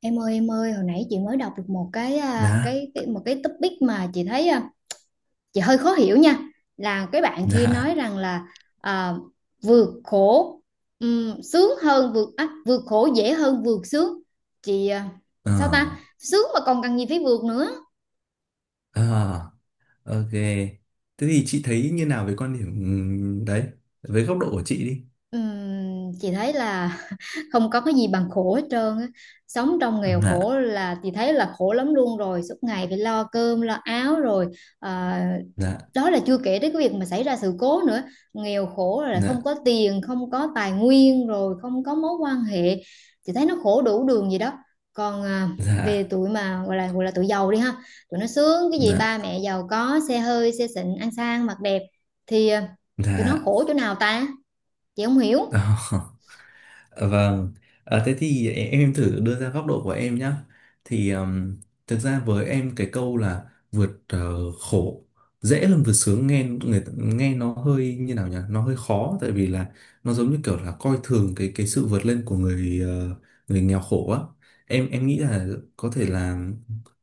Em ơi, hồi nãy chị mới đọc được Dạ. Một cái topic mà chị thấy chị hơi khó hiểu nha. Là cái bạn kia Dạ. nói rằng là à, vượt khổ vượt khổ dễ hơn vượt sướng. Chị à, ờ Sao ta? Sướng mà còn cần gì phải vượt nữa. ờ ok. Thế thì chị thấy như nào về quan điểm đấy, với góc độ của chị đi. Chị thấy là không có cái gì bằng khổ hết trơn á. Sống trong nghèo Dạ. khổ là chị thấy là khổ lắm luôn rồi, suốt ngày phải lo cơm, lo áo rồi ờ, Dạ. đó là chưa kể tới cái việc mà xảy ra sự cố nữa. Nghèo khổ rồi là không Dạ. có tiền, không có tài nguyên rồi không có mối quan hệ, chị thấy nó khổ đủ đường gì đó. Còn về Dạ. tụi mà gọi là tụi giàu đi ha, tụi nó sướng cái gì, Dạ. ba mẹ giàu có xe hơi xe xịn ăn sang mặc đẹp, thì tụi nó Dạ. khổ chỗ nào ta, chị không Ờ. hiểu. Vâng, thế thì em thử đưa ra góc độ của em nhé. Thì thực ra với em cái câu là vượt khổ dễ hơn vượt sướng nghe người nghe nó hơi như nào nhỉ? Nó hơi khó tại vì là nó giống như kiểu là coi thường cái sự vượt lên của người nghèo khổ á. Em nghĩ là có thể là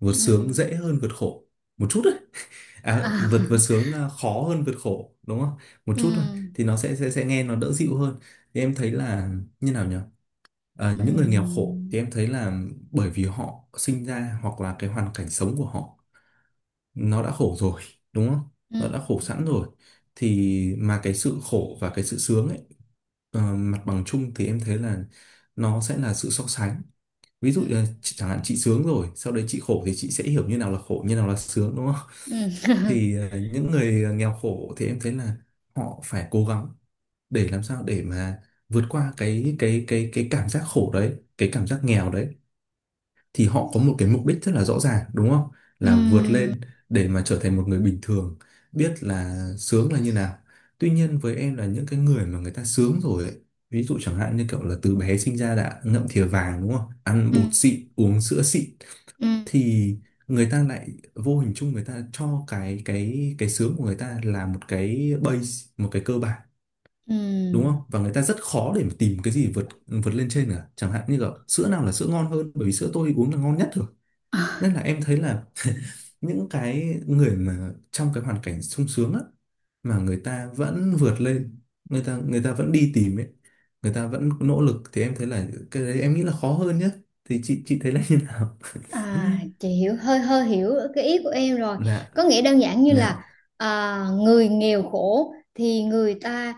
vượt sướng Ừ. dễ hơn vượt khổ một chút đấy. À, À. vượt vượt sướng khó hơn vượt khổ đúng không? Một Ừ. chút thôi thì nó sẽ nghe nó đỡ dịu hơn. Thì em thấy là như nào nhỉ? Những người nghèo Ừ. khổ thì em thấy là bởi vì họ sinh ra hoặc là cái hoàn cảnh sống của họ nó đã khổ rồi đúng không? Ừ. Nó đã khổ sẵn rồi thì mà cái sự khổ và cái sự sướng ấy, mặt bằng chung thì em thấy là nó sẽ là sự so sánh, ví Ừ. dụ như là chẳng hạn chị sướng rồi sau đấy chị khổ thì chị sẽ hiểu như nào là khổ như nào là sướng đúng không? Ừ. Thì những người nghèo khổ thì em thấy là họ phải cố gắng để làm sao để mà vượt qua cái cảm giác khổ đấy, cái cảm giác nghèo đấy, thì họ có một cái mục đích rất là rõ ràng đúng không, Ừ. là vượt lên để mà trở thành một người bình thường, biết là sướng là như nào. Tuy nhiên với em là những cái người mà người ta sướng rồi ấy, ví dụ chẳng hạn như kiểu là từ bé sinh ra đã ngậm thìa vàng đúng không, ăn Ừ. Ừ. bột xịn uống sữa xịn, Ừ. thì người ta lại vô hình chung người ta cho cái sướng của người ta là một cái base, một cái cơ bản Ừ. đúng không, và người ta rất khó để mà tìm cái gì vượt vượt lên trên cả, chẳng hạn như kiểu sữa nào là sữa ngon hơn bởi vì sữa tôi uống là ngon nhất rồi, nên là em thấy là những cái người mà trong cái hoàn cảnh sung sướng á, mà người ta vẫn vượt lên, người ta vẫn đi tìm ấy, người ta vẫn nỗ lực, thì em thấy là cái đấy em nghĩ là khó hơn nhá. Thì chị thấy là như nào? À, chị hiểu hơi hơi hiểu cái ý của em rồi. Dạ. Có nghĩa đơn giản như Dạ. là à, người nghèo khổ thì người ta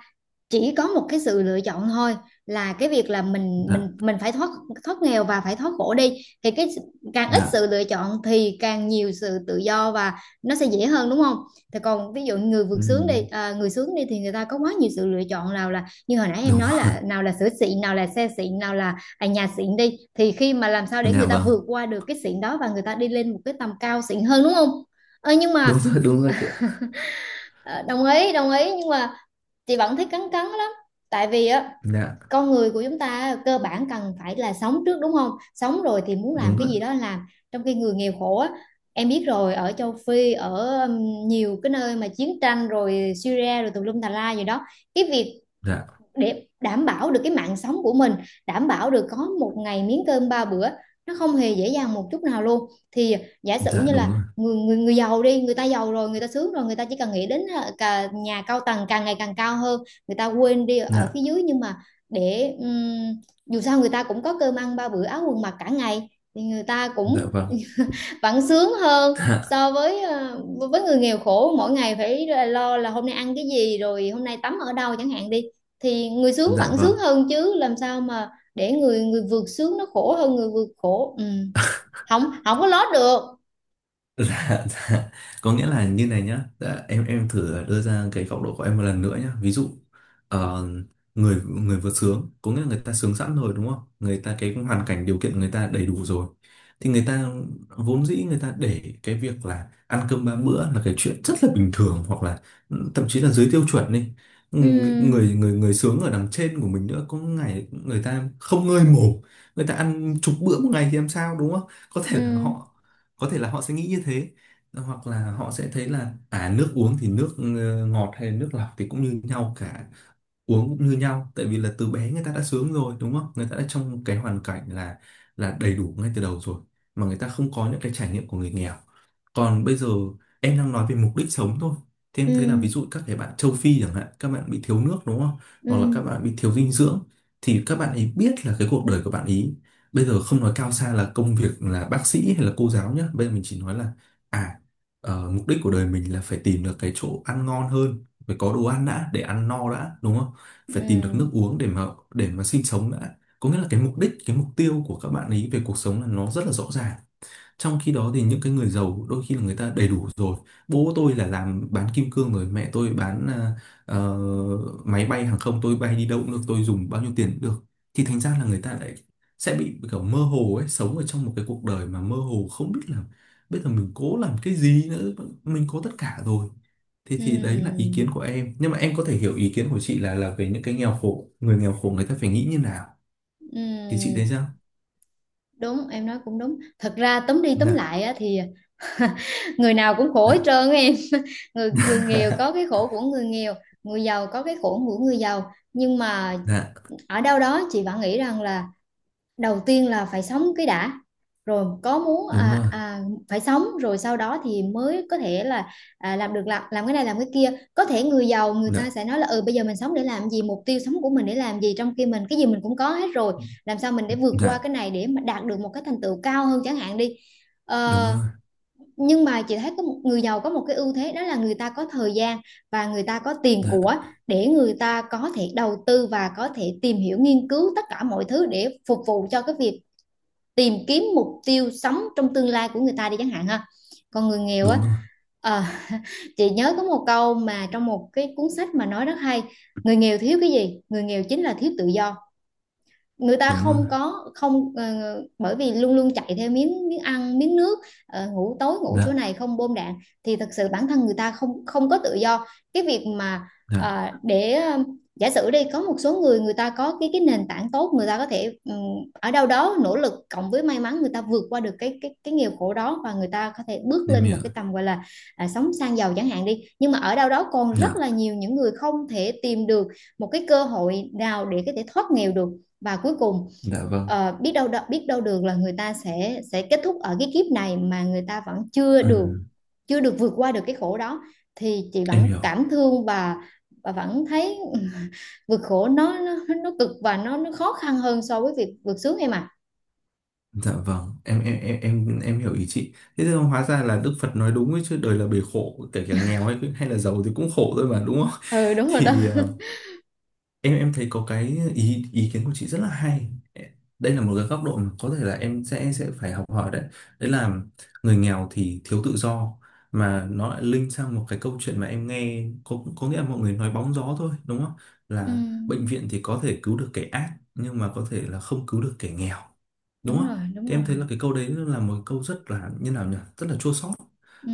chỉ có một cái sự lựa chọn thôi, là cái việc là mình mình Dạ. mình phải thoát thoát nghèo và phải thoát khổ đi, thì cái càng ít Dạ. sự lựa chọn thì càng nhiều sự tự do, và nó sẽ dễ hơn đúng không. Thì còn ví dụ người vượt sướng đi, Ừm, người sướng đi thì người ta có quá nhiều sự lựa chọn, nào là như hồi nãy em Đúng nói, rồi. là nào là sữa xịn, nào là xe xịn, nào là nhà xịn đi, thì khi mà làm sao để Dạ người ta vâng. vượt qua được cái xịn đó và người ta đi lên một cái tầm cao xịn hơn đúng không. Ờ, nhưng Đúng mà rồi, đúng rồi chị ạ. ờ, đồng ý đồng ý, nhưng mà chị vẫn thấy cắn cắn lắm. Tại vì á, Dạ. con người của chúng ta cơ bản cần phải là sống trước đúng không, sống rồi thì muốn làm Đúng cái rồi. gì đó làm. Trong khi người nghèo khổ á, em biết rồi, ở châu Phi, ở nhiều cái nơi mà chiến tranh rồi Syria rồi tùm lum tà la gì đó, cái việc Dạ. để đảm bảo được cái mạng sống của mình, đảm bảo được có một ngày miếng cơm ba bữa, nó không hề dễ dàng một chút nào luôn. Thì giả sử Dạ. như Đúng là rồi. người người người giàu đi, người ta giàu rồi, người ta sướng rồi, người ta chỉ cần nghĩ đến cả nhà cao tầng càng ngày càng cao hơn, người ta quên đi ở phía Dạ. dưới, nhưng mà để dù sao người ta cũng có cơm ăn ba bữa áo quần mặc cả ngày, thì người ta Dạ cũng vâng. vẫn sướng hơn Dạ. so với người nghèo khổ mỗi ngày phải lo là hôm nay ăn cái gì rồi hôm nay tắm ở đâu chẳng hạn đi, thì người sướng Dạ vẫn vâng. sướng hơn chứ, làm sao mà để người người vượt sướng nó khổ hơn người vượt khổ. Ừ. không không có lót được. Dạ, dạ. Có nghĩa là như này nhá, dạ, em thử đưa ra cái góc độ của em một lần nữa nhá. Ví dụ ờ, người người vượt sướng, có nghĩa là người ta sướng sẵn rồi đúng không? Người ta cái hoàn cảnh điều kiện người ta đầy đủ rồi, thì người ta vốn dĩ người ta để cái việc là ăn cơm ba bữa là cái chuyện rất là bình thường, hoặc là thậm chí là dưới tiêu chuẩn đi. Ừ, Ừ. Người người người sướng ở đằng trên của mình nữa, có ngày người ta không ngơi mồm, người ta ăn chục bữa một ngày thì làm sao đúng không? Có Ừ. thể là họ có thể là họ sẽ nghĩ như thế, hoặc là họ sẽ thấy là nước uống thì nước ngọt hay nước lọc thì cũng như nhau cả, uống cũng như nhau, tại vì là từ bé người ta đã sướng rồi đúng không, người ta đã trong cái hoàn cảnh là đầy đủ ngay từ đầu rồi, mà người ta không có những cái trải nghiệm của người nghèo. Còn bây giờ em đang nói về mục đích sống thôi. Thế Ừ. em thấy là ví dụ các cái bạn châu Phi chẳng hạn, các bạn bị thiếu nước đúng không? Hoặc là Ừ. các bạn bị thiếu dinh dưỡng, thì các bạn ấy biết là cái cuộc đời của bạn ấy bây giờ không nói cao xa là công việc là bác sĩ hay là cô giáo nhá, bây giờ mình chỉ nói là à mục đích của đời mình là phải tìm được cái chỗ ăn ngon hơn, phải có đồ ăn đã để ăn no đã đúng không? Phải tìm được nước Ừ. uống để mà sinh sống đã. Có nghĩa là cái mục đích, cái mục tiêu của các bạn ấy về cuộc sống là nó rất là rõ ràng, trong khi đó thì những cái người giàu đôi khi là người ta đầy đủ rồi. Bố tôi là làm bán kim cương rồi, mẹ tôi bán ờ, máy bay hàng không, tôi bay đi đâu cũng được, tôi dùng bao nhiêu tiền cũng được. Thì thành ra là người ta lại sẽ bị kiểu mơ hồ ấy, sống ở trong một cái cuộc đời mà mơ hồ không biết là bây giờ mình cố làm cái gì nữa, mình có tất cả rồi. Thì Ừ. thì đấy là ý kiến của em. Nhưng mà em có thể hiểu ý kiến của chị là về những cái nghèo khổ người ta phải nghĩ như nào. Thì chị Ừ. thấy sao? Đúng, em nói cũng đúng, thật ra tóm đi tóm Dạ, lại á, thì người nào cũng khổ hết dạ. trơn á em. người người nghèo có cái khổ của người nghèo, người giàu có cái khổ của người giàu, nhưng mà Dạ, ở đâu đó chị vẫn nghĩ rằng là đầu tiên là phải sống cái đã, rồi có muốn đúng rồi. Phải sống rồi sau đó thì mới có thể là làm cái này làm cái kia. Có thể người giàu người ta Dạ. sẽ nói là ừ bây giờ mình sống để làm gì, mục tiêu sống của mình để làm gì, trong khi mình cái gì mình cũng có hết rồi, làm sao mình để vượt qua Dạ, cái này để mà đạt được một cái thành tựu cao hơn chẳng hạn đi. đúng Ờ, rồi. nhưng mà chị thấy có một người giàu có một cái ưu thế, đó là người ta có thời gian và người ta có tiền Dạ, của, để người ta có thể đầu tư và có thể tìm hiểu nghiên cứu tất cả mọi thứ để phục vụ cho cái việc tìm kiếm mục tiêu sống trong tương lai của người ta đi chẳng hạn ha. Còn người nghèo đúng á rồi. ờ, chị nhớ có một câu mà trong một cái cuốn sách mà nói rất hay. Người nghèo thiếu cái gì, người nghèo chính là thiếu tự do. Người ta Đúng rồi. không có, không ờ, bởi vì luôn luôn chạy theo miếng miếng ăn miếng nước, ngủ tối ngủ chỗ Dạ, này không bom đạn, thì thật sự bản thân người ta không không có tự do. Cái việc mà dạ, ờ, để ờ, giả sử đi, có một số người, người ta có cái nền tảng tốt, người ta có thể ở đâu đó nỗ lực cộng với may mắn, người ta vượt qua được cái nghèo khổ đó, và người ta có thể bước em lên hiểu. một cái tầm gọi là sống sang giàu chẳng hạn đi, nhưng mà ở đâu đó còn rất Dạ, là nhiều những người không thể tìm được một cái cơ hội nào để có thể thoát nghèo được, và cuối cùng dạ vâng. Biết đâu được là người ta sẽ kết thúc ở cái kiếp này mà người ta vẫn chưa Ừ, được chưa được vượt qua được cái khổ đó, thì chị em vẫn hiểu. cảm thương và vẫn thấy vượt khổ nó nó cực và nó khó khăn hơn so với việc vượt sướng em ạ. Dạ vâng, em hiểu ý chị. Thế thì hóa ra là Đức Phật nói đúng ấy chứ, đời là bể khổ, kể cả nghèo hay hay là giàu thì cũng khổ thôi mà đúng không? Ừ đúng rồi đó. Thì em thấy có cái ý ý kiến của chị rất là hay. Đây là một cái góc độ mà có thể là em sẽ phải học hỏi đấy. Đấy là người nghèo thì thiếu tự do, mà nó lại link sang một cái câu chuyện mà em nghe, có nghĩa là mọi người nói bóng gió thôi đúng không, Ừ, là bệnh viện thì có thể cứu được kẻ ác nhưng mà có thể là không cứu được kẻ nghèo đúng đúng không. rồi đúng Thì em thấy rồi. là cái câu đấy là một câu rất là như nào nhỉ, rất là chua xót,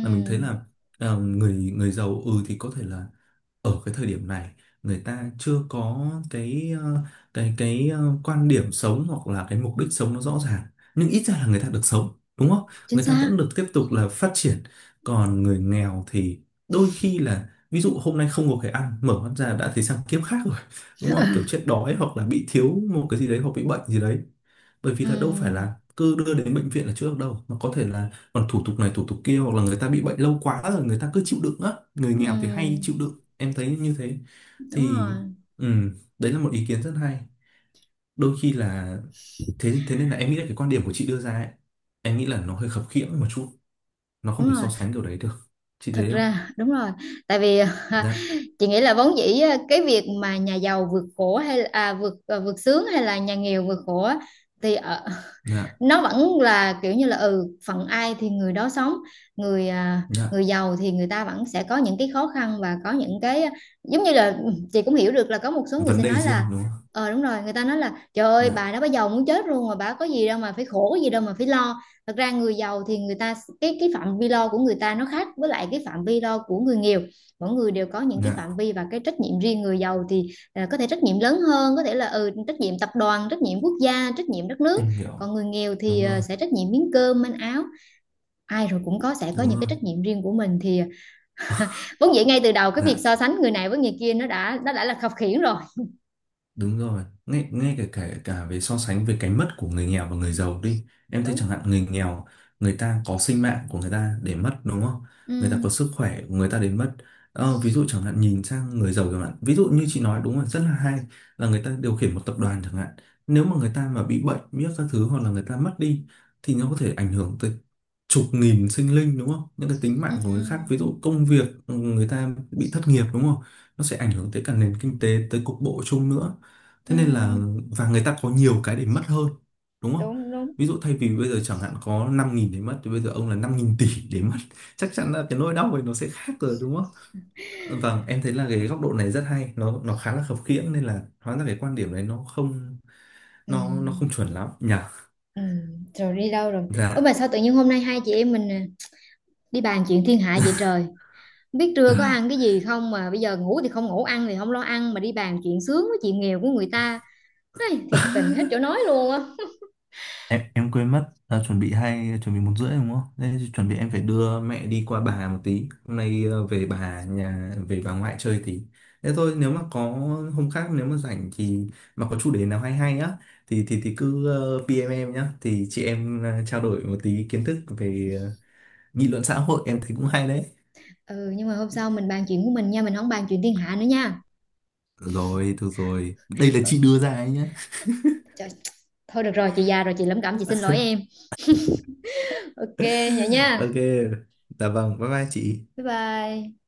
là mình thấy là người người giàu thì có thể là ở cái thời điểm này người ta chưa có cái quan điểm sống hoặc là cái mục đích sống nó rõ ràng, nhưng ít ra là người ta được sống đúng không, chính người ta xác. vẫn được tiếp tục là phát triển. Còn người nghèo thì đôi khi là ví dụ hôm nay không có cái ăn mở mắt ra đã thấy sang kiếp khác rồi đúng không, kiểu chết đói hoặc là bị thiếu một cái gì đấy hoặc bị bệnh gì đấy, bởi vì là đâu phải Ừ, là cứ đưa đến bệnh viện là chữa được đâu, mà có thể là còn thủ tục này thủ tục kia, hoặc là người ta bị bệnh lâu quá rồi người ta cứ chịu đựng á, người nghèo thì hay ừ, chịu đựng em thấy như thế. đúng Thì rồi ừm, đấy là một ý kiến rất hay. Đôi khi là thế, thế nên là em nghĩ là cái quan điểm của chị đưa ra ấy em nghĩ là nó hơi khập khiễng một chút, nó không đúng thể rồi. so sánh điều đấy được. Chị Thật thấy không? ra đúng rồi. Tại vì à, Dạ. chị nghĩ là vốn dĩ á, cái việc mà nhà giàu vượt khổ vượt sướng, hay là nhà nghèo vượt khổ á, thì ở, Dạ. nó vẫn là kiểu như là ừ phận ai thì người đó sống. người à, Dạ. người giàu thì người ta vẫn sẽ có những cái khó khăn và có những cái, giống như là chị cũng hiểu được là có một số người Vấn sẽ đề nói riêng là, đúng không? ờ đúng rồi, người ta nói là trời ơi, Dạ. bà đó bà giàu muốn chết luôn mà bà có gì đâu mà phải khổ, có gì đâu mà phải lo. Thật ra người giàu thì người ta, cái phạm vi lo của người ta nó khác với lại cái phạm vi lo của người nghèo. Mỗi người đều có những cái Dạ, phạm vi và cái trách nhiệm riêng. Người giàu thì có thể trách nhiệm lớn hơn, có thể là trách nhiệm tập đoàn, trách nhiệm quốc gia, trách nhiệm đất nước, em hiểu. còn người nghèo thì Đúng rồi, sẽ trách nhiệm miếng cơm manh áo. Ai rồi cũng sẽ có đúng những cái rồi. trách nhiệm riêng của mình, thì vốn dĩ ngay từ đầu cái việc Dạ. so sánh người này với người kia nó đã là khập khiễng rồi. Đúng rồi, ngay cả, cả về so sánh về cái mất của người nghèo và người giàu đi. Em thấy chẳng Đúng. hạn người nghèo, người ta có sinh mạng của người ta để mất đúng không? Ừ. Người ta có sức khỏe của người ta để mất. Ví dụ chẳng hạn nhìn sang người giàu chẳng hạn. Ví dụ như chị nói đúng rồi, rất là hay, là người ta điều khiển một tập đoàn chẳng hạn. Nếu mà người ta mà bị bệnh, biết các thứ hoặc là người ta mất đi thì nó có thể ảnh hưởng tới chục nghìn sinh linh đúng không? Những cái tính Ừ. mạng của người khác, ví dụ công việc người ta bị thất nghiệp đúng không? Nó sẽ ảnh hưởng tới cả nền kinh tế, tới cục bộ chung nữa. Ừ. Thế nên là, và người ta có nhiều cái để mất hơn đúng không? Đúng đúng. Ví dụ thay vì bây giờ chẳng hạn có 5.000 để mất thì bây giờ ông là 5.000 tỷ để mất chắc chắn là cái nỗi đau ấy nó sẽ khác rồi đúng không? Vâng, em thấy là cái góc độ này rất hay, nó khá là khập khiễng, nên là hóa ra cái quan điểm này nó không, Ừ, nó không chuẩn lắm nhỉ. ừ. Rồi đi đâu rồi? Ôi Dạ. mà sao tự nhiên hôm nay hai chị em mình đi bàn chuyện thiên hạ vậy trời. Không biết trưa có ăn cái gì không mà bây giờ ngủ thì không ngủ, ăn thì không lo ăn, mà đi bàn chuyện sướng với chuyện nghèo của người ta. Ai, thiệt tình hết chỗ nói luôn á. Em quên mất chuẩn bị hai, chuẩn bị 1:30 đúng không? Thế thì chuẩn bị em phải đưa mẹ đi qua bà một tí. Hôm nay về bà nhà, về bà ngoại chơi tí. Thế thôi nếu mà có hôm khác nếu mà rảnh thì, mà có chủ đề nào hay hay á, thì thì cứ PM em nhá. Thì chị em trao đổi một tí kiến thức về nghị luận xã hội, em thấy cũng hay đấy. Ừ, nhưng mà hôm sau mình bàn chuyện của mình nha, mình không bàn chuyện thiên hạ nữa nha. Được rồi, được rồi. Đây là Ờ. chị đưa ra ấy nhá. Trời, thôi được rồi, chị già rồi, chị lẩm cẩm, chị xin lỗi em. Ok vậy nha. Ok. Dạ vâng, bye bye chị. Bye bye.